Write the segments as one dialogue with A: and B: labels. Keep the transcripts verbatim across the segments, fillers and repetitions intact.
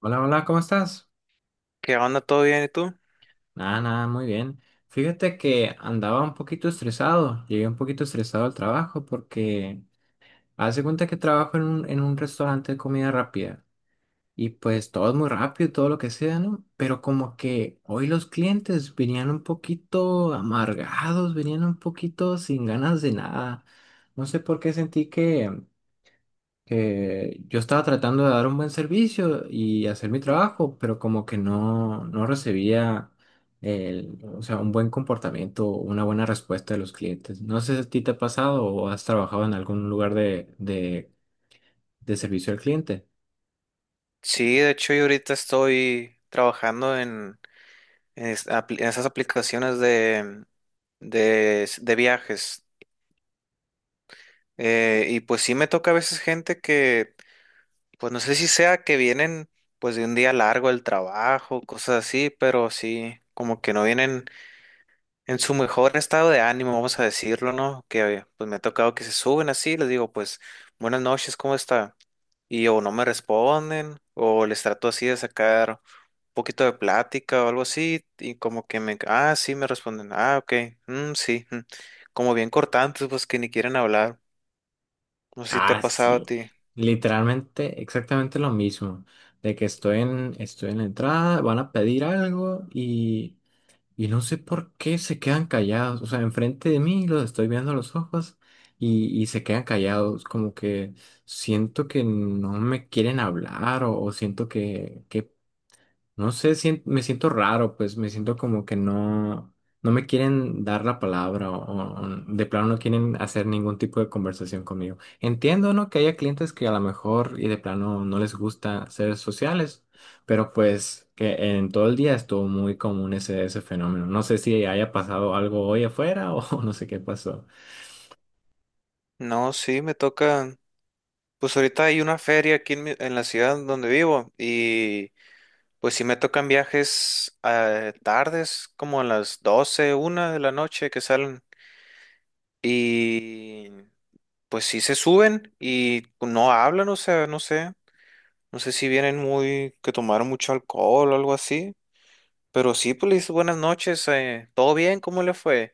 A: Hola, hola, ¿cómo estás?
B: ¿Qué onda? ¿Todo bien? ¿Y tú?
A: Nada, nada, muy bien. Fíjate que andaba un poquito estresado, llegué un poquito estresado al trabajo porque hace cuenta que trabajo en un, en un restaurante de comida rápida y pues todo es muy rápido, y todo lo que sea, ¿no? Pero como que hoy los clientes venían un poquito amargados, venían un poquito sin ganas de nada. No sé por qué sentí que que yo estaba tratando de dar un buen servicio y hacer mi
B: Mm.
A: trabajo, pero como que no, no recibía el, o sea, un buen comportamiento, una buena respuesta de los clientes. No sé si a ti te ha pasado o has trabajado en algún lugar de, de, de servicio al cliente.
B: Sí, de hecho yo ahorita estoy trabajando en, en es- apli- en esas aplicaciones de, de, s- de viajes. Eh, y pues sí me toca a veces gente que, pues no sé si sea que vienen pues de un día largo del trabajo, cosas así, pero sí, como que no vienen en su mejor estado de ánimo, vamos a decirlo, ¿no? Que pues me ha tocado que se suben así, les digo pues buenas noches, ¿cómo está? Y o no me responden, o les trato así de sacar poquito de plática o algo así, y como que me, ah, sí, me responden, ah, ok, mm, sí, mm. Como bien cortantes, pues que ni quieren hablar, no sé si te ha
A: Ah,
B: pasado a
A: sí.
B: ti.
A: Literalmente, exactamente lo mismo, de que estoy en, estoy en la entrada, van a pedir algo y... Y no sé por qué se quedan callados. O sea, enfrente de mí los estoy viendo a los ojos y, y se quedan callados. Como que siento que no me quieren hablar o, o siento que, que no sé, sien- me siento raro, pues me siento como que no, no me quieren dar la palabra o, o de plano no quieren hacer ningún tipo de conversación conmigo. Entiendo, ¿no? Que haya clientes que a lo mejor y de plano no les gusta ser sociales, pero pues que en todo el día estuvo muy común ese, ese fenómeno. No sé si haya pasado algo hoy afuera o no sé qué pasó.
B: No, sí, me toca, pues ahorita hay una feria aquí en, mi- en la ciudad donde vivo, y pues sí me tocan viajes eh, tardes, como a las doce una de la noche que salen, y pues sí se suben y no hablan, o sea, no sé. No sé si vienen muy, que tomaron mucho alcohol o algo así. Pero sí, pues le dices buenas noches, eh, ¿todo bien? ¿Cómo le fue?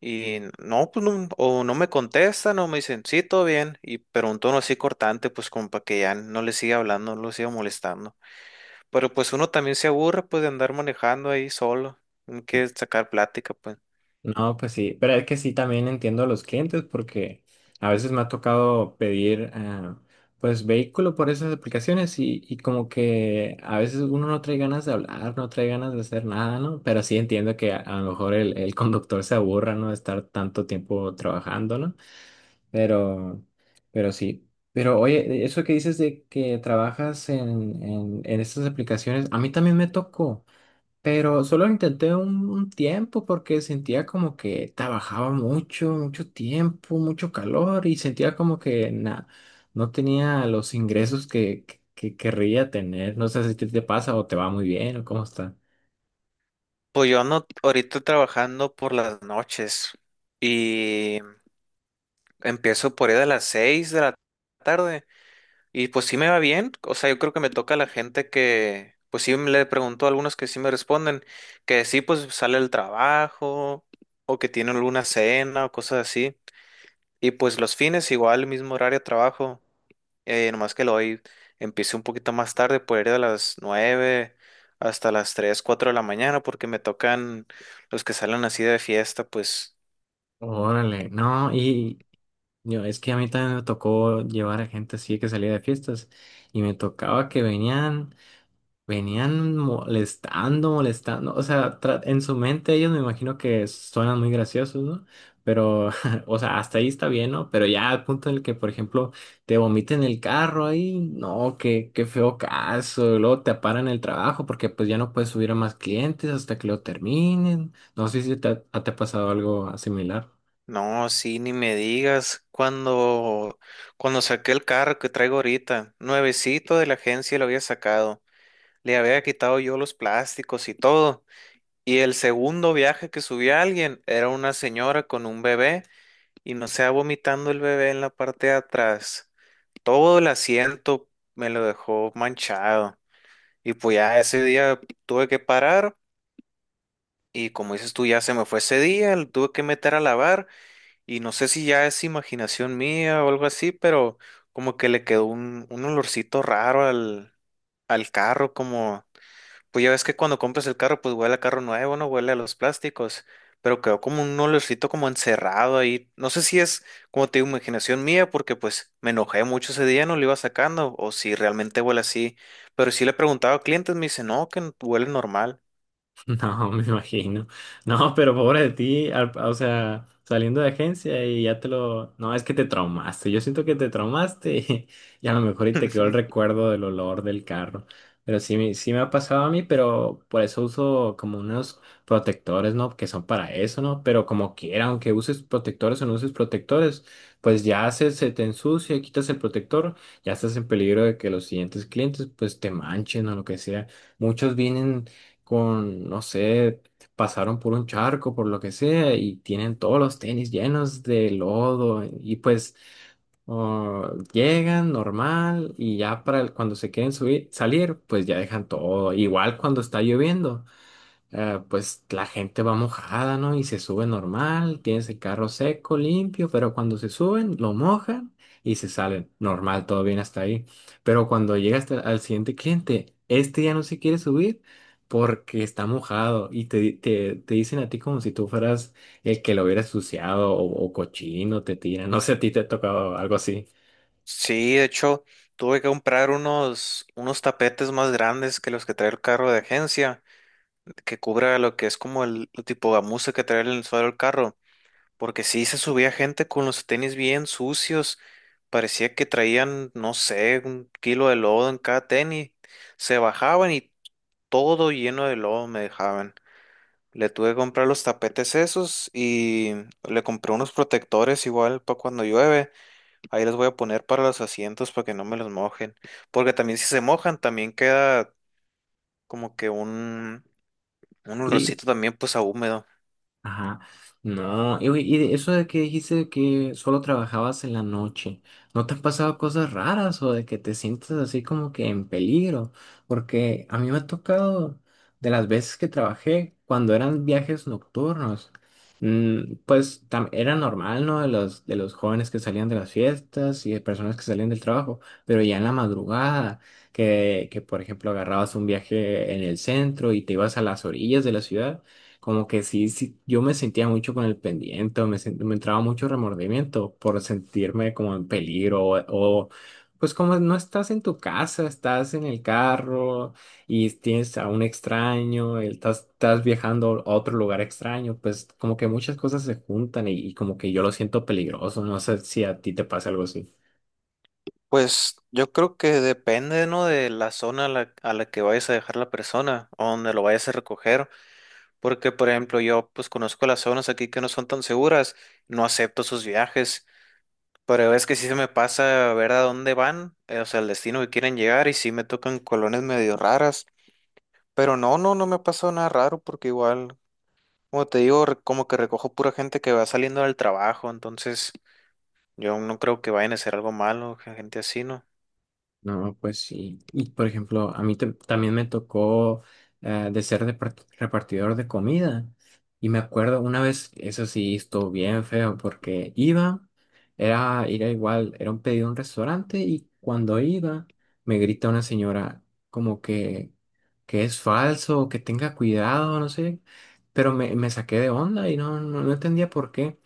B: Y no, pues no, o no me contestan o me dicen, sí, todo bien. Y pero un tono así cortante, pues como para que ya no le siga hablando, no lo siga molestando. Pero pues uno también se aburre, pues de andar manejando ahí solo, no quiere sacar plática, pues.
A: No, pues sí, pero es que sí también entiendo a los clientes porque a veces me ha tocado pedir ah, pues vehículo por esas aplicaciones y, y como que a veces uno no trae ganas de hablar, no trae ganas de hacer nada, ¿no? Pero sí entiendo que a, a lo mejor el, el conductor se aburra, ¿no? De estar tanto tiempo trabajando, ¿no? Pero, pero sí. Pero oye, eso que dices de que trabajas en, en, en estas aplicaciones, a mí también me tocó. Pero solo intenté un, un tiempo porque sentía como que trabajaba mucho, mucho tiempo, mucho calor y sentía como que na- no tenía los ingresos que, que, que querría tener. No sé si te, te pasa o te va muy bien o cómo está.
B: Pues yo ando ahorita trabajando por las noches y empiezo por ahí a las seis de la tarde. Y pues sí me va bien, o sea, yo creo que me toca a la gente que, pues sí le pregunto a algunos que sí me responden, que sí pues sale el trabajo o que tienen alguna cena o cosas así. Y pues los fines igual, mismo horario de trabajo, eh, nomás que lo hoy empecé un poquito más tarde, por ir de las nueve hasta las tres cuatro de la mañana, porque me tocan los que salen así de fiesta, pues.
A: Órale, no, y yo, es que a mí también me tocó llevar a gente así que salía de fiestas y me tocaba que venían. Venían molestando, molestando. O sea, tra- en su mente ellos me imagino que suenan muy graciosos, ¿no? Pero, o sea, hasta ahí está bien, ¿no? Pero ya al punto en el que, por ejemplo, te vomiten el carro ahí, no, qué, qué feo caso. Y luego te paran el trabajo porque pues ya no puedes subir a más clientes hasta que lo terminen. No sé si te ha, te ha pasado algo similar.
B: No, sí, ni me digas. Cuando, cuando saqué el carro que traigo ahorita, nuevecito de la agencia lo había sacado. Le había quitado yo los plásticos y todo. Y el segundo viaje que subí a alguien era una señora con un bebé y no se vomitando el bebé en la parte de atrás. Todo el asiento me lo dejó manchado. Y pues ya ese día tuve que parar y como dices tú, ya se me fue ese día, lo tuve que meter a lavar. Y no sé si ya es imaginación mía o algo así, pero como que le quedó un, un olorcito raro al, al carro, como, pues ya ves que cuando compras el carro, pues huele a carro nuevo, no huele a los plásticos, pero quedó como un olorcito como encerrado ahí. No sé si es, como te digo, imaginación mía, porque pues me enojé mucho ese día, no lo iba sacando, o si realmente huele así, pero sí le preguntaba a clientes, me dice, no, que huele normal.
A: No, me imagino. No, pero pobre de ti, al- o sea, saliendo de agencia y ya te lo... No, es que te traumaste. Yo siento que te traumaste y a lo mejor y te quedó el recuerdo del olor del carro. Pero sí, me- sí me ha pasado a mí, pero por eso uso como unos protectores, ¿no? Que son para eso, ¿no? Pero como quiera, aunque uses protectores o no uses protectores, pues ya se, se te ensucia, quitas el protector, ya estás en peligro de que los siguientes clientes pues te manchen o lo que sea. Muchos vienen con, no sé, pasaron por un charco, por lo que sea, y tienen todos los tenis llenos de lodo, y pues oh, llegan normal, y ya para el- cuando se quieren subir, salir, pues ya dejan todo. Igual cuando está lloviendo eh, pues la gente va mojada, ¿no? Y se sube normal, tienes el carro seco, limpio, pero cuando se suben, lo mojan y se salen. Normal, todo bien hasta ahí. Pero cuando llega hasta- al siguiente cliente, este ya no se quiere subir porque está mojado y te, te, te dicen a ti como si tú fueras el que lo hubiera ensuciado o, o cochino, te tiran. No sé, a ti te ha tocado algo así.
B: Sí, de hecho, tuve que comprar unos, unos tapetes más grandes que los que trae el carro de agencia, que cubra lo que es como el, el tipo gamuza que trae en el suelo del carro, porque sí se subía gente con los tenis bien sucios, parecía que traían, no sé, un kilo de lodo en cada tenis, se bajaban y todo lleno de lodo me dejaban. Le tuve que comprar los tapetes esos y le compré unos protectores igual para cuando llueve. Ahí les voy a poner para los asientos para que no me los mojen. Porque también si se mojan, también queda como que un, un olorcito también pues a húmedo.
A: Ajá, no, y, oye, y de eso de que dijiste que solo trabajabas en la noche, ¿no te han pasado cosas raras o de que te sientes así como que en peligro? Porque a mí me ha tocado de las veces que trabajé cuando eran viajes nocturnos, mm, pues tam- era normal, ¿no? De los, de los jóvenes que salían de las fiestas y de personas que salían del trabajo, pero ya en la madrugada, que, que por ejemplo agarrabas un viaje en el centro y te ibas a las orillas de la ciudad. Como que sí, sí, yo me sentía mucho con el pendiente, me, sent- me entraba mucho remordimiento por sentirme como en peligro o, o, pues como no estás en tu casa, estás en el carro y tienes a un extraño, el- estás, estás viajando a otro lugar extraño, pues como que muchas cosas se juntan y, y como que yo lo siento peligroso, no sé si a ti te pasa algo así.
B: Pues yo creo que depende, ¿no? De la zona a la, a la que vayas a dejar la persona o donde lo vayas a recoger. Porque, por ejemplo, yo pues conozco las zonas aquí que no son tan seguras. No acepto sus viajes. Pero es que sí se me pasa ver a dónde van, eh, o sea, el destino que quieren llegar y sí me tocan colonias medio raras. Pero no, no, no me ha pasado nada raro porque igual, como te digo, re- como que recojo pura gente que va saliendo del trabajo, entonces yo no creo que vayan a hacer algo malo, gen- gente así, ¿no?
A: No, pues sí. Y por ejemplo, a mí tam- también me tocó eh, de ser depart- repartidor de comida. Y me acuerdo una vez, eso sí, estuvo bien feo porque iba, era, era igual, era un pedido a un restaurante y cuando iba me grita una señora como que, que es falso, que tenga cuidado, no sé. Pero me, me saqué de onda y no, no, no entendía por qué.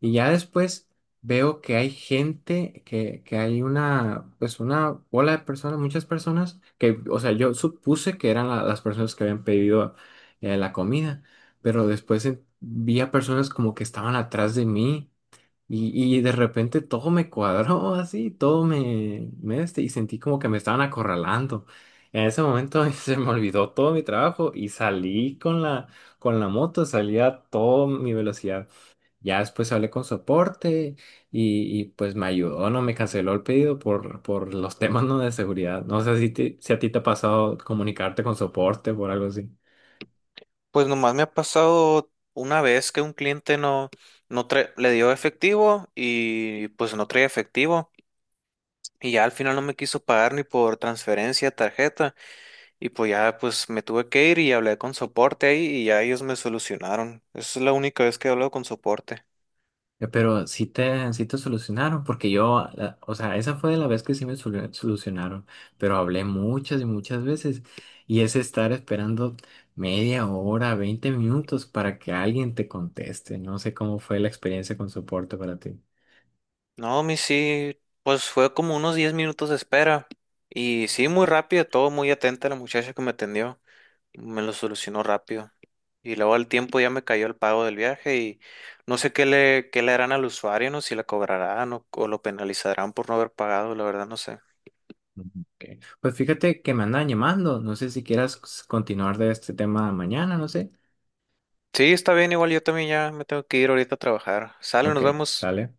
A: Y ya después veo que hay gente, que, que hay una, pues una bola de personas, muchas personas, que, o sea, yo supuse que eran la- las personas que habían pedido eh, la comida, pero después en- vi a personas como que estaban atrás de mí y, y de repente todo me cuadró así, todo me, me este, y sentí como que me estaban acorralando. En ese momento se me olvidó todo mi trabajo y salí con la, con la moto, salí a toda mi velocidad. Ya después hablé con soporte y, y, pues me ayudó, no me canceló el pedido por, por los temas no de seguridad. No sé si, te- si a ti te ha pasado comunicarte con soporte por algo así.
B: Pues nomás me ha pasado una vez que un cliente no, no tra- le dio efectivo y pues no traía efectivo y ya al final no me quiso pagar ni por transferencia, tarjeta y pues ya pues me tuve que ir y hablé con soporte ahí y ya ellos me solucionaron. Esa es la única vez que he hablado con soporte.
A: Eh, Pero sí te, sí te solucionaron, porque yo, la- o sea, esa fue la vez que sí me solu- solucionaron, pero hablé muchas y muchas veces y es estar esperando media hora, veinte minutos para que alguien te conteste. No sé cómo fue la experiencia con soporte para ti.
B: No, mi sí, pues fue como unos diez minutos de espera. Y sí, muy rápido, todo muy atenta la muchacha que me atendió. Me lo solucionó rápido. Y luego al tiempo ya me cayó el pago del viaje y no sé qué le, qué le harán al usuario, no si la cobrarán o, o lo penalizarán por no haber pagado, la verdad no sé.
A: Ok. Pues fíjate que me andan llamando. No sé si quieras continuar de este tema mañana, no sé.
B: Sí, está bien, igual yo también ya me tengo que ir ahorita a trabajar. Sale, nos
A: Ok,
B: vemos.
A: sale.